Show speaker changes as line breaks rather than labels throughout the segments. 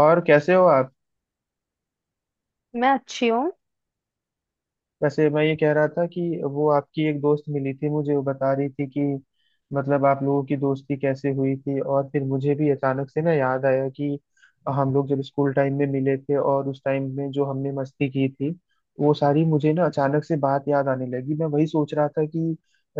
और कैसे हो आप?
मैं अच्छी हूँ।
वैसे मैं ये कह रहा था कि वो आपकी एक दोस्त मिली थी मुझे, वो बता रही थी कि मतलब आप लोगों की दोस्ती कैसे हुई थी, और फिर मुझे भी अचानक से ना याद आया कि हम लोग जब स्कूल टाइम में मिले थे और उस टाइम में जो हमने मस्ती की थी वो सारी मुझे ना अचानक से बात याद आने लगी। मैं वही सोच रहा था कि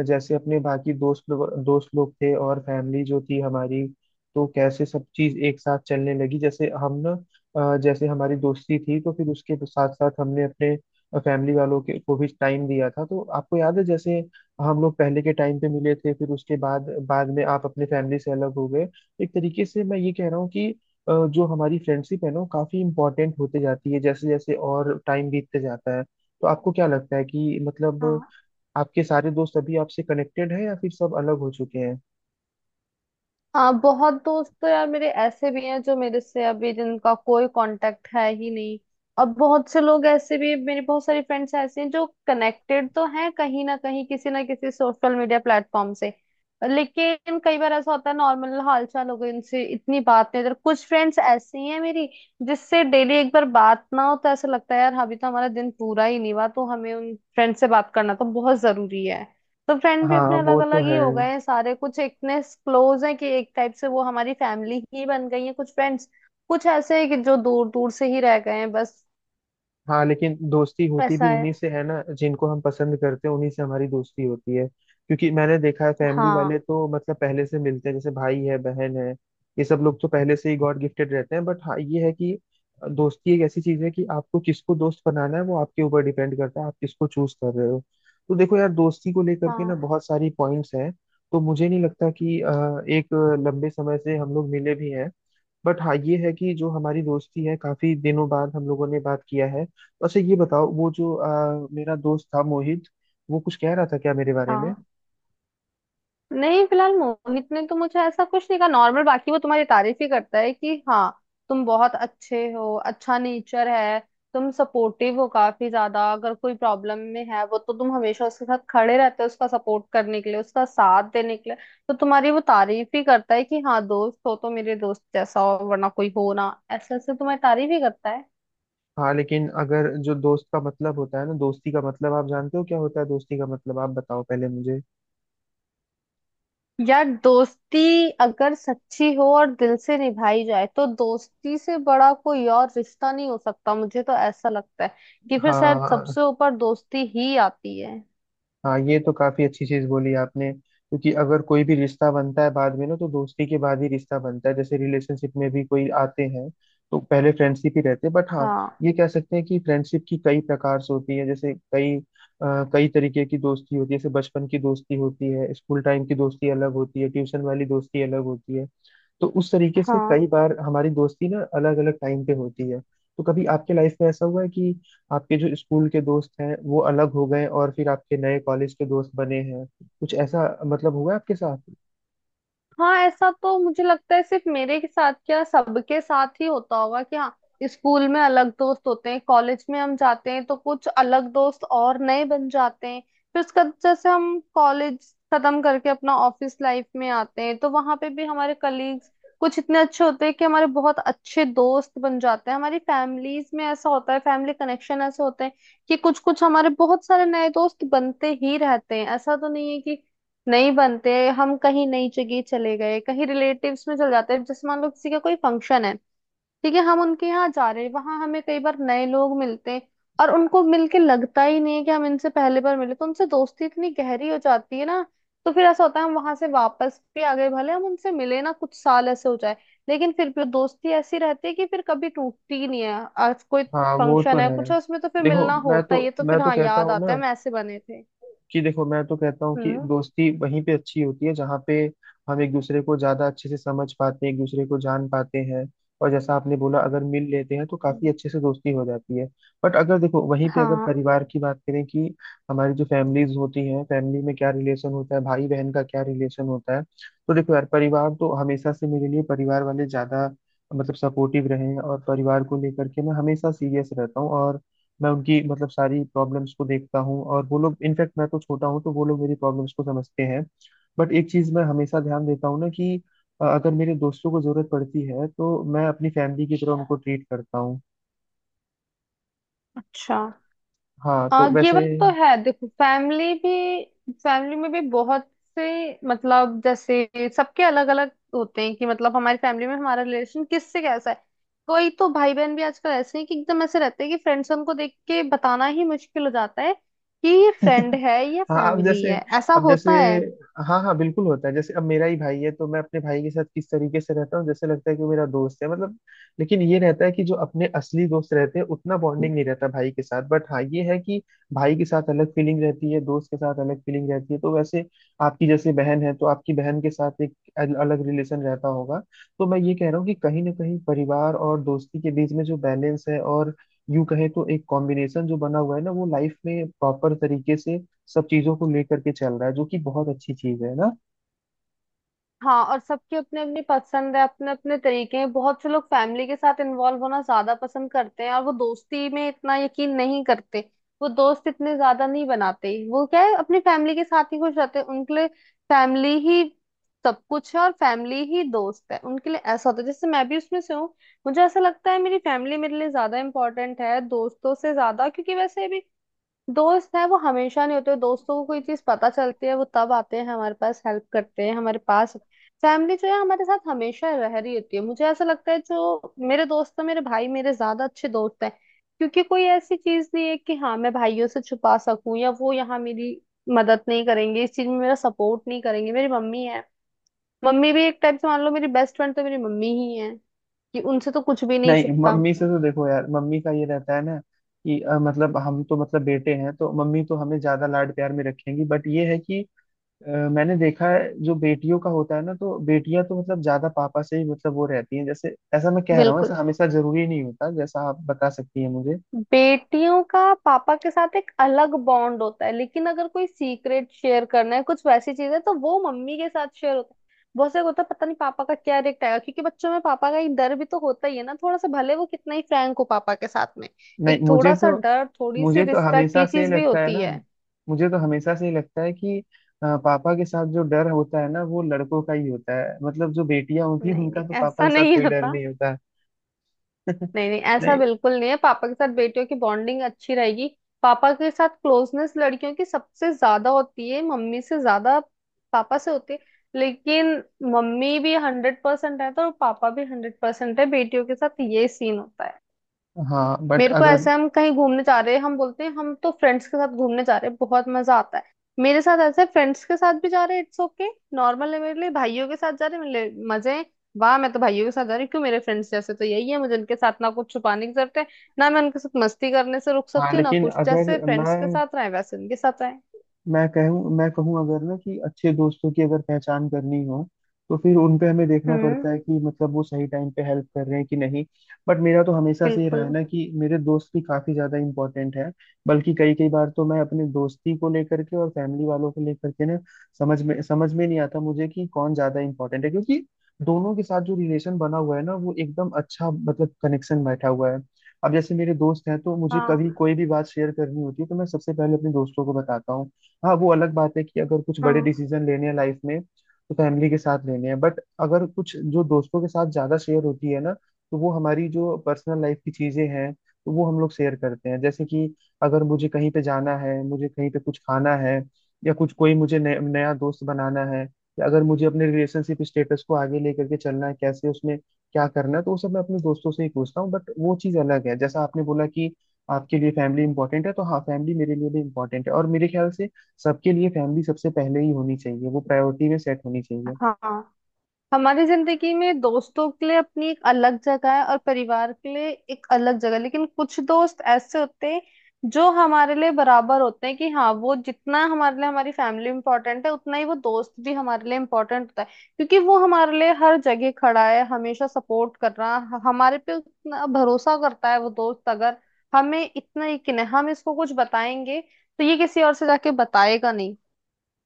जैसे अपने बाकी दोस्त लोग थे और फैमिली जो थी हमारी, तो कैसे सब चीज एक साथ चलने लगी। जैसे हम ना जैसे हमारी दोस्ती थी तो फिर उसके साथ साथ हमने अपने फैमिली वालों के को भी टाइम दिया था। तो आपको याद है जैसे हम लोग पहले के टाइम पे मिले थे, फिर उसके बाद बाद में आप अपने फैमिली से अलग हो गए। एक तरीके से मैं ये कह रहा हूँ कि जो हमारी फ्रेंडशिप है ना, वो काफी इंपॉर्टेंट होते जाती है जैसे जैसे और टाइम बीतते जाता है। तो आपको क्या लगता है कि मतलब
हाँ।
आपके सारे दोस्त अभी आपसे कनेक्टेड हैं या फिर सब अलग हो चुके हैं?
हाँ, बहुत दोस्त तो यार मेरे ऐसे भी हैं जो मेरे से अभी जिनका कोई कांटेक्ट है ही नहीं। और बहुत से लोग ऐसे भी, मेरे बहुत सारे फ्रेंड्स ऐसे हैं जो कनेक्टेड तो हैं कहीं ना कहीं किसी ना किसी सोशल मीडिया प्लेटफॉर्म से, लेकिन कई बार ऐसा होता है नॉर्मल हालचाल हो गई, उनसे इतनी बात नहीं होती। और कुछ फ्रेंड्स ऐसी हैं मेरी जिससे डेली एक बार बात ना हो तो ऐसा लगता है यार अभी तो हमारा दिन पूरा ही नहीं हुआ, तो हमें उन फ्रेंड से बात करना तो बहुत जरूरी है। तो फ्रेंड भी
हाँ,
अपने अलग
वो तो
अलग ही
है।
हो गए हैं सारे। कुछ इतने क्लोज हैं कि एक टाइप से वो हमारी फैमिली ही बन गई है, कुछ फ्रेंड्स कुछ ऐसे हैं कि जो दूर दूर से ही रह गए हैं बस।
हाँ लेकिन दोस्ती होती भी
ऐसा है।
उन्हीं से है ना जिनको हम पसंद करते हैं, उन्हीं से हमारी दोस्ती होती है, क्योंकि मैंने देखा है फैमिली वाले
हाँ
तो मतलब पहले से मिलते हैं, जैसे भाई है, बहन है, ये सब लोग तो पहले से ही गॉड गिफ्टेड रहते हैं। बट हाँ ये है कि दोस्ती एक ऐसी चीज है कि आपको किसको दोस्त बनाना है वो आपके ऊपर डिपेंड करता है, आप किसको चूज कर रहे हो। तो देखो यार, दोस्ती को लेकर के
हाँ।
ना बहुत सारी पॉइंट्स हैं। तो मुझे नहीं लगता कि एक लंबे समय से हम लोग मिले भी हैं। बट हाँ ये है कि जो हमारी दोस्ती है, काफी दिनों बाद हम लोगों ने बात किया है। वैसे ये बताओ, वो जो मेरा दोस्त था मोहित, वो कुछ कह रहा था क्या मेरे बारे में?
हाँ। नहीं, फिलहाल मोहित ने तो मुझे ऐसा कुछ नहीं कहा नॉर्मल, बाकी वो तुम्हारी तारीफ ही करता है कि हाँ, तुम बहुत अच्छे हो, अच्छा नेचर है, तुम सपोर्टिव हो काफी ज्यादा, अगर कोई प्रॉब्लम में है वो तो तुम हमेशा उसके साथ खड़े रहते हो, उसका सपोर्ट करने के लिए, उसका साथ देने के लिए। तो तुम्हारी वो तारीफ ही करता है कि हाँ दोस्त हो तो मेरे दोस्त जैसा हो वरना कोई हो ना, ऐसे ऐसे तुम्हारी तारीफ ही करता है।
हाँ लेकिन अगर जो दोस्त का मतलब होता है ना, दोस्ती का मतलब आप जानते हो क्या होता है? दोस्ती का मतलब आप बताओ पहले मुझे।
यार दोस्ती अगर सच्ची हो और दिल से निभाई जाए तो दोस्ती से बड़ा कोई और रिश्ता नहीं हो सकता, मुझे तो ऐसा लगता है कि फिर शायद
हाँ।
सबसे ऊपर दोस्ती ही आती है।
हाँ ये तो काफी अच्छी चीज बोली आपने, क्योंकि अगर कोई भी रिश्ता बनता है बाद में ना, तो दोस्ती के बाद ही रिश्ता बनता है, जैसे रिलेशनशिप में भी कोई आते हैं तो पहले फ्रेंडशिप ही रहते हैं। बट हाँ,
हाँ।
ये कह सकते हैं कि फ्रेंडशिप की कई प्रकार से होती है, जैसे कई तरीके की दोस्ती होती है, जैसे बचपन की दोस्ती होती है, स्कूल टाइम की दोस्ती अलग होती है, ट्यूशन वाली दोस्ती अलग होती है। तो उस तरीके से कई
हाँ।
बार हमारी दोस्ती ना अलग अलग टाइम पे होती है। तो कभी आपके लाइफ में ऐसा हुआ है कि आपके जो स्कूल के दोस्त हैं वो अलग हो गए और फिर आपके नए कॉलेज के दोस्त बने हैं, कुछ ऐसा मतलब हुआ है आपके साथ?
हाँ, ऐसा तो मुझे लगता है सिर्फ मेरे के साथ क्या, सबके साथ ही होता होगा कि हाँ, स्कूल में अलग दोस्त होते हैं, कॉलेज में हम जाते हैं तो कुछ अलग दोस्त और नए बन जाते हैं। फिर उसका जैसे हम कॉलेज खत्म करके अपना ऑफिस लाइफ में आते हैं तो वहां पे भी हमारे कलीग्स कुछ इतने अच्छे होते हैं कि हमारे बहुत अच्छे दोस्त बन जाते हैं। हमारी फैमिलीज में ऐसा होता है, फैमिली कनेक्शन ऐसे होते हैं कि कुछ कुछ हमारे बहुत सारे नए दोस्त बनते ही रहते हैं। ऐसा तो नहीं है कि नहीं बनते। हम कहीं नई जगह चले गए, कहीं रिलेटिव्स में चल जाते हैं, जैसे मान लो किसी का कोई फंक्शन है, ठीक है, हम उनके यहाँ जा रहे हैं, वहां हमें कई बार नए लोग मिलते हैं और उनको मिलके लगता ही नहीं है कि हम इनसे पहले बार मिले, तो उनसे दोस्ती इतनी गहरी हो जाती है ना। तो फिर ऐसा होता है हम वहां से वापस भी आ गए, भले हम उनसे मिले ना कुछ साल ऐसे हो जाए, लेकिन फिर भी दोस्ती ऐसी रहती है कि फिर कभी टूटती ही नहीं है। आज कोई
हाँ वो तो
फंक्शन है
है।
कुछ है उसमें तो फिर
देखो,
मिलना
मैं
होता
तो
ही है, तो
मैं
फिर
तो
हाँ
कहता
याद
हूँ
आता
ना
है हम ऐसे बने थे।
कि देखो मैं तो कहता हूँ कि
हम्म
दोस्ती वहीं पे अच्छी होती है जहाँ पे हम एक दूसरे को ज्यादा अच्छे से समझ पाते हैं, एक दूसरे को जान पाते हैं, और जैसा आपने बोला, अगर मिल लेते हैं तो काफी
हम्म।
अच्छे से दोस्ती हो जाती है। बट अगर देखो वहीं पे अगर
हाँ।
परिवार की बात करें कि हमारी जो फैमिलीज होती हैं, फैमिली में क्या रिलेशन होता है, भाई बहन का क्या रिलेशन होता है, तो देखो यार, परिवार तो हमेशा से मेरे लिए परिवार वाले ज्यादा मतलब सपोर्टिव रहे हैं, और परिवार को लेकर के मैं हमेशा सीरियस रहता हूँ, और मैं उनकी मतलब सारी प्रॉब्लम्स को देखता हूँ, और वो लोग इनफैक्ट, मैं तो छोटा हूँ, तो वो लोग मेरी प्रॉब्लम्स को समझते हैं। बट एक चीज मैं हमेशा ध्यान देता हूँ ना कि अगर मेरे दोस्तों को जरूरत पड़ती है तो मैं अपनी फैमिली की तरह उनको ट्रीट करता हूँ।
अच्छा।
हाँ तो
ये
वैसे।
बात तो है, देखो फैमिली भी, फैमिली में भी बहुत से मतलब जैसे सबके अलग अलग होते हैं कि मतलब हमारी फैमिली में हमारा रिलेशन किससे कैसा है। कोई तो भाई बहन भी आजकल ऐसे हैं कि एकदम ऐसे रहते हैं कि फ्रेंड्स, उनको देख के बताना ही मुश्किल हो जाता है कि ये फ्रेंड है या
हाँ अब
फैमिली
जैसे
है, ऐसा
अब जैसे
होता है।
हाँ हाँ बिल्कुल होता है, जैसे अब मेरा ही भाई है तो मैं अपने भाई के साथ किस तरीके से रहता हूँ, जैसे लगता है कि वो मेरा दोस्त है मतलब। लेकिन ये रहता है कि जो अपने असली दोस्त रहते हैं, उतना बॉन्डिंग नहीं रहता भाई के साथ। बट हाँ ये है कि भाई के साथ अलग फीलिंग रहती है, दोस्त के साथ अलग फीलिंग रहती है। तो वैसे आपकी जैसे बहन है, तो आपकी बहन के साथ एक अलग रिलेशन रहता होगा। तो मैं ये कह रहा हूँ कि कहीं ना कहीं परिवार और दोस्ती के बीच में जो बैलेंस है, और यूं कहे तो एक कॉम्बिनेशन जो बना हुआ है ना, वो लाइफ में प्रॉपर तरीके से सब चीजों को लेकर के चल रहा है, जो कि बहुत अच्छी चीज है ना।
हाँ, और सबकी अपनी अपनी पसंद है, अपने अपने तरीके हैं। बहुत से लोग फैमिली के साथ इन्वॉल्व होना ज्यादा पसंद करते हैं और वो दोस्ती में इतना यकीन नहीं करते, वो दोस्त इतने ज्यादा नहीं बनाते, वो क्या है अपनी फैमिली के साथ ही खुश रहते हैं। उनके लिए फैमिली ही सब कुछ है और फैमिली ही दोस्त है उनके लिए, ऐसा होता है। जैसे मैं भी उसमें से हूँ, मुझे ऐसा लगता है मेरी फैमिली मेरे लिए ज्यादा इंपॉर्टेंट है दोस्तों से ज्यादा, क्योंकि वैसे भी दोस्त है वो हमेशा नहीं होते, दोस्तों को कोई चीज पता चलती है वो तब आते हैं हमारे पास, हेल्प करते हैं हमारे पास। फैमिली जो है हमारे साथ हमेशा रह रही होती है। मुझे ऐसा लगता है जो मेरे दोस्त हैं, मेरे भाई मेरे ज्यादा अच्छे दोस्त हैं, क्योंकि कोई ऐसी चीज नहीं है कि हाँ मैं भाइयों से छुपा सकूं या वो यहाँ मेरी मदद नहीं करेंगे, इस चीज में मेरा सपोर्ट नहीं करेंगे। मेरी मम्मी है, मम्मी भी एक टाइप से मान लो मेरी बेस्ट फ्रेंड तो मेरी मम्मी ही है, कि उनसे तो कुछ भी नहीं
नहीं,
छुपता।
मम्मी से तो देखो यार, मम्मी का ये रहता है ना कि मतलब हम तो मतलब बेटे हैं, तो मम्मी तो हमें ज्यादा लाड प्यार में रखेंगी। बट ये है कि मैंने देखा है जो बेटियों का होता है ना, तो बेटियां तो मतलब ज्यादा पापा से ही मतलब वो रहती हैं, जैसे ऐसा मैं कह रहा हूँ, ऐसा
बिल्कुल।
हमेशा जरूरी नहीं होता, जैसा आप बता सकती हैं मुझे।
बेटियों का पापा के साथ एक अलग बॉन्ड होता है, लेकिन अगर कोई सीक्रेट शेयर करना है, कुछ वैसी चीज है तो वो मम्मी के साथ शेयर होता है। बहुत से होता है पता नहीं पापा का क्या रिएक्ट आएगा, क्योंकि बच्चों में पापा का एक डर भी तो होता ही है ना थोड़ा सा, भले वो कितना ही फ्रैंक हो पापा के साथ में।
नहीं।
एक थोड़ा सा डर, थोड़ी सी
मुझे तो
रिस्पेक्ट
हमेशा
ये
से
चीज
ही
भी
लगता है
होती
ना
है।
मुझे तो हमेशा से ही लगता है कि पापा के साथ जो डर होता है ना, वो लड़कों का ही होता है, मतलब जो बेटियां होती हैं
नहीं
उनका
नहीं,
तो पापा
ऐसा
के साथ
नहीं
कोई डर
होता।
नहीं होता है।
नहीं नहीं, ऐसा
नहीं।
बिल्कुल नहीं है, पापा के साथ बेटियों की बॉन्डिंग अच्छी रहेगी। पापा के साथ क्लोजनेस लड़कियों की सबसे ज्यादा होती है, मम्मी से ज्यादा पापा से होती है। लेकिन मम्मी भी 100% है तो पापा भी 100% है, बेटियों के साथ ये सीन होता है।
हाँ बट
मेरे को
अगर।
ऐसा, हम कहीं घूमने जा रहे हैं, हम बोलते हैं हम तो फ्रेंड्स के साथ घूमने जा रहे हैं, बहुत मजा आता है। मेरे साथ ऐसा है फ्रेंड्स के साथ भी जा रहे हैं, इट्स ओके, नॉर्मल है मेरे लिए। भाइयों के साथ जा रहे हैं मेरे लिए मजे हैं, वाह मैं तो भाइयों के साथ जा रही हूँ क्यों, मेरे फ्रेंड्स जैसे तो यही है मुझे, उनके साथ ना कुछ छुपाने की जरूरत है, ना मैं उनके साथ मस्ती करने से रुक
हाँ
सकती हूँ, ना
लेकिन
कुछ, जैसे
अगर
फ्रेंड्स के
मैं
साथ रहे वैसे उनके साथ रहे।
मैं कहूँ मैं कहूँ अगर ना कि अच्छे दोस्तों की अगर पहचान करनी हो, तो फिर उन पे हमें देखना
हम्म।
पड़ता है कि मतलब वो सही टाइम पे हेल्प कर रहे हैं कि नहीं। बट मेरा तो हमेशा से ये रहा है
बिल्कुल।
ना कि मेरे दोस्त भी काफी ज्यादा इंपॉर्टेंट है। बल्कि कई कई बार तो मैं अपने दोस्ती को लेकर के और फैमिली वालों को लेकर के ना समझ में नहीं आता मुझे कि कौन ज्यादा इंपॉर्टेंट है, क्योंकि दोनों के साथ जो रिलेशन बना हुआ है ना, वो एकदम अच्छा मतलब कनेक्शन बैठा हुआ है। अब जैसे मेरे दोस्त हैं, तो मुझे कभी
हाँ।
कोई भी बात शेयर करनी होती है तो मैं सबसे पहले अपने दोस्तों को बताता हूँ। हाँ, वो अलग बात है कि अगर कुछ बड़े
हाँ।
डिसीजन लेने हैं लाइफ में तो फैमिली के साथ लेने हैं। बट अगर कुछ जो दोस्तों के साथ ज्यादा शेयर होती है ना, तो वो हमारी जो पर्सनल लाइफ की चीजें हैं तो वो हम लोग शेयर करते हैं, जैसे कि अगर मुझे कहीं पे जाना है, मुझे कहीं पे कुछ खाना है, या कुछ कोई मुझे नया नया दोस्त बनाना है, या अगर मुझे अपने रिलेशनशिप स्टेटस को आगे लेकर के चलना है, कैसे उसमें क्या करना है, तो वो सब मैं अपने दोस्तों से ही पूछता हूँ। बट वो चीज़ अलग है जैसा आपने बोला कि आपके लिए फैमिली इंपॉर्टेंट है, तो हाँ फैमिली मेरे लिए भी इंपॉर्टेंट है, और मेरे ख्याल से सबके लिए फैमिली सबसे पहले ही होनी चाहिए, वो प्रायोरिटी में सेट होनी चाहिए।
हाँ, हमारी जिंदगी में दोस्तों के लिए अपनी एक अलग जगह है और परिवार के लिए एक अलग जगह है। लेकिन कुछ दोस्त ऐसे होते हैं जो हमारे लिए बराबर होते हैं कि हाँ, वो जितना हमारे लिए हमारी फैमिली इंपॉर्टेंट है उतना ही वो दोस्त भी हमारे लिए इम्पोर्टेंट होता है, क्योंकि वो हमारे लिए हर जगह खड़ा है, हमेशा सपोर्ट कर रहा हमारे पे उतना भरोसा करता है वो दोस्त, अगर हमें इतना यकीन है हम इसको कुछ बताएंगे तो ये किसी और से जाके बताएगा नहीं,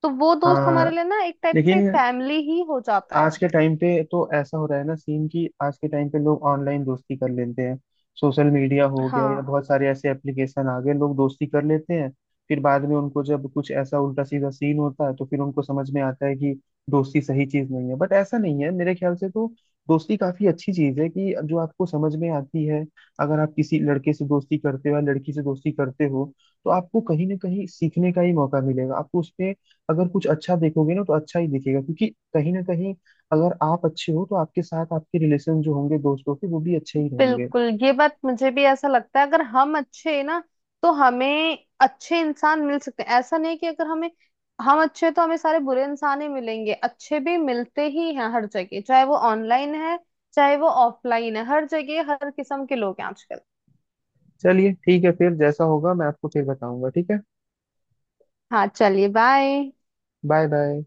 तो वो दोस्त
हाँ
हमारे लिए ना एक टाइप से
लेकिन
फैमिली ही हो जाता है।
आज के टाइम पे तो ऐसा हो रहा है ना सीन कि आज के टाइम पे लोग ऑनलाइन दोस्ती कर लेते हैं, सोशल मीडिया हो गया या
हाँ।
बहुत सारे ऐसे एप्लीकेशन आ गए, लोग दोस्ती कर लेते हैं, फिर बाद में उनको जब कुछ ऐसा उल्टा सीधा सीन होता है तो फिर उनको समझ में आता है कि दोस्ती सही चीज नहीं है। बट ऐसा नहीं है, मेरे ख्याल से तो दोस्ती काफी अच्छी चीज है कि जो आपको समझ में आती है। अगर आप किसी लड़के से दोस्ती करते हो या लड़की से दोस्ती करते हो, तो आपको कहीं ना कहीं सीखने का ही मौका मिलेगा आपको उसमें। अगर कुछ अच्छा देखोगे ना तो अच्छा ही दिखेगा, क्योंकि कहीं ना कहीं अगर आप अच्छे हो तो आपके साथ आपके रिलेशन जो होंगे दोस्तों के, वो भी अच्छे ही रहेंगे।
बिल्कुल, ये बात मुझे भी ऐसा लगता है, अगर हम अच्छे हैं ना तो हमें अच्छे इंसान मिल सकते हैं। ऐसा नहीं कि अगर हमें, हम अच्छे हैं तो हमें सारे बुरे इंसान ही मिलेंगे, अच्छे भी मिलते ही हैं हर जगह, चाहे वो ऑनलाइन है चाहे वो ऑफलाइन है, हर जगह हर किस्म के लोग हैं आजकल।
चलिए ठीक है, फिर जैसा होगा मैं आपको फिर बताऊंगा, ठीक है।
हाँ, चलिए, बाय।
Bye bye.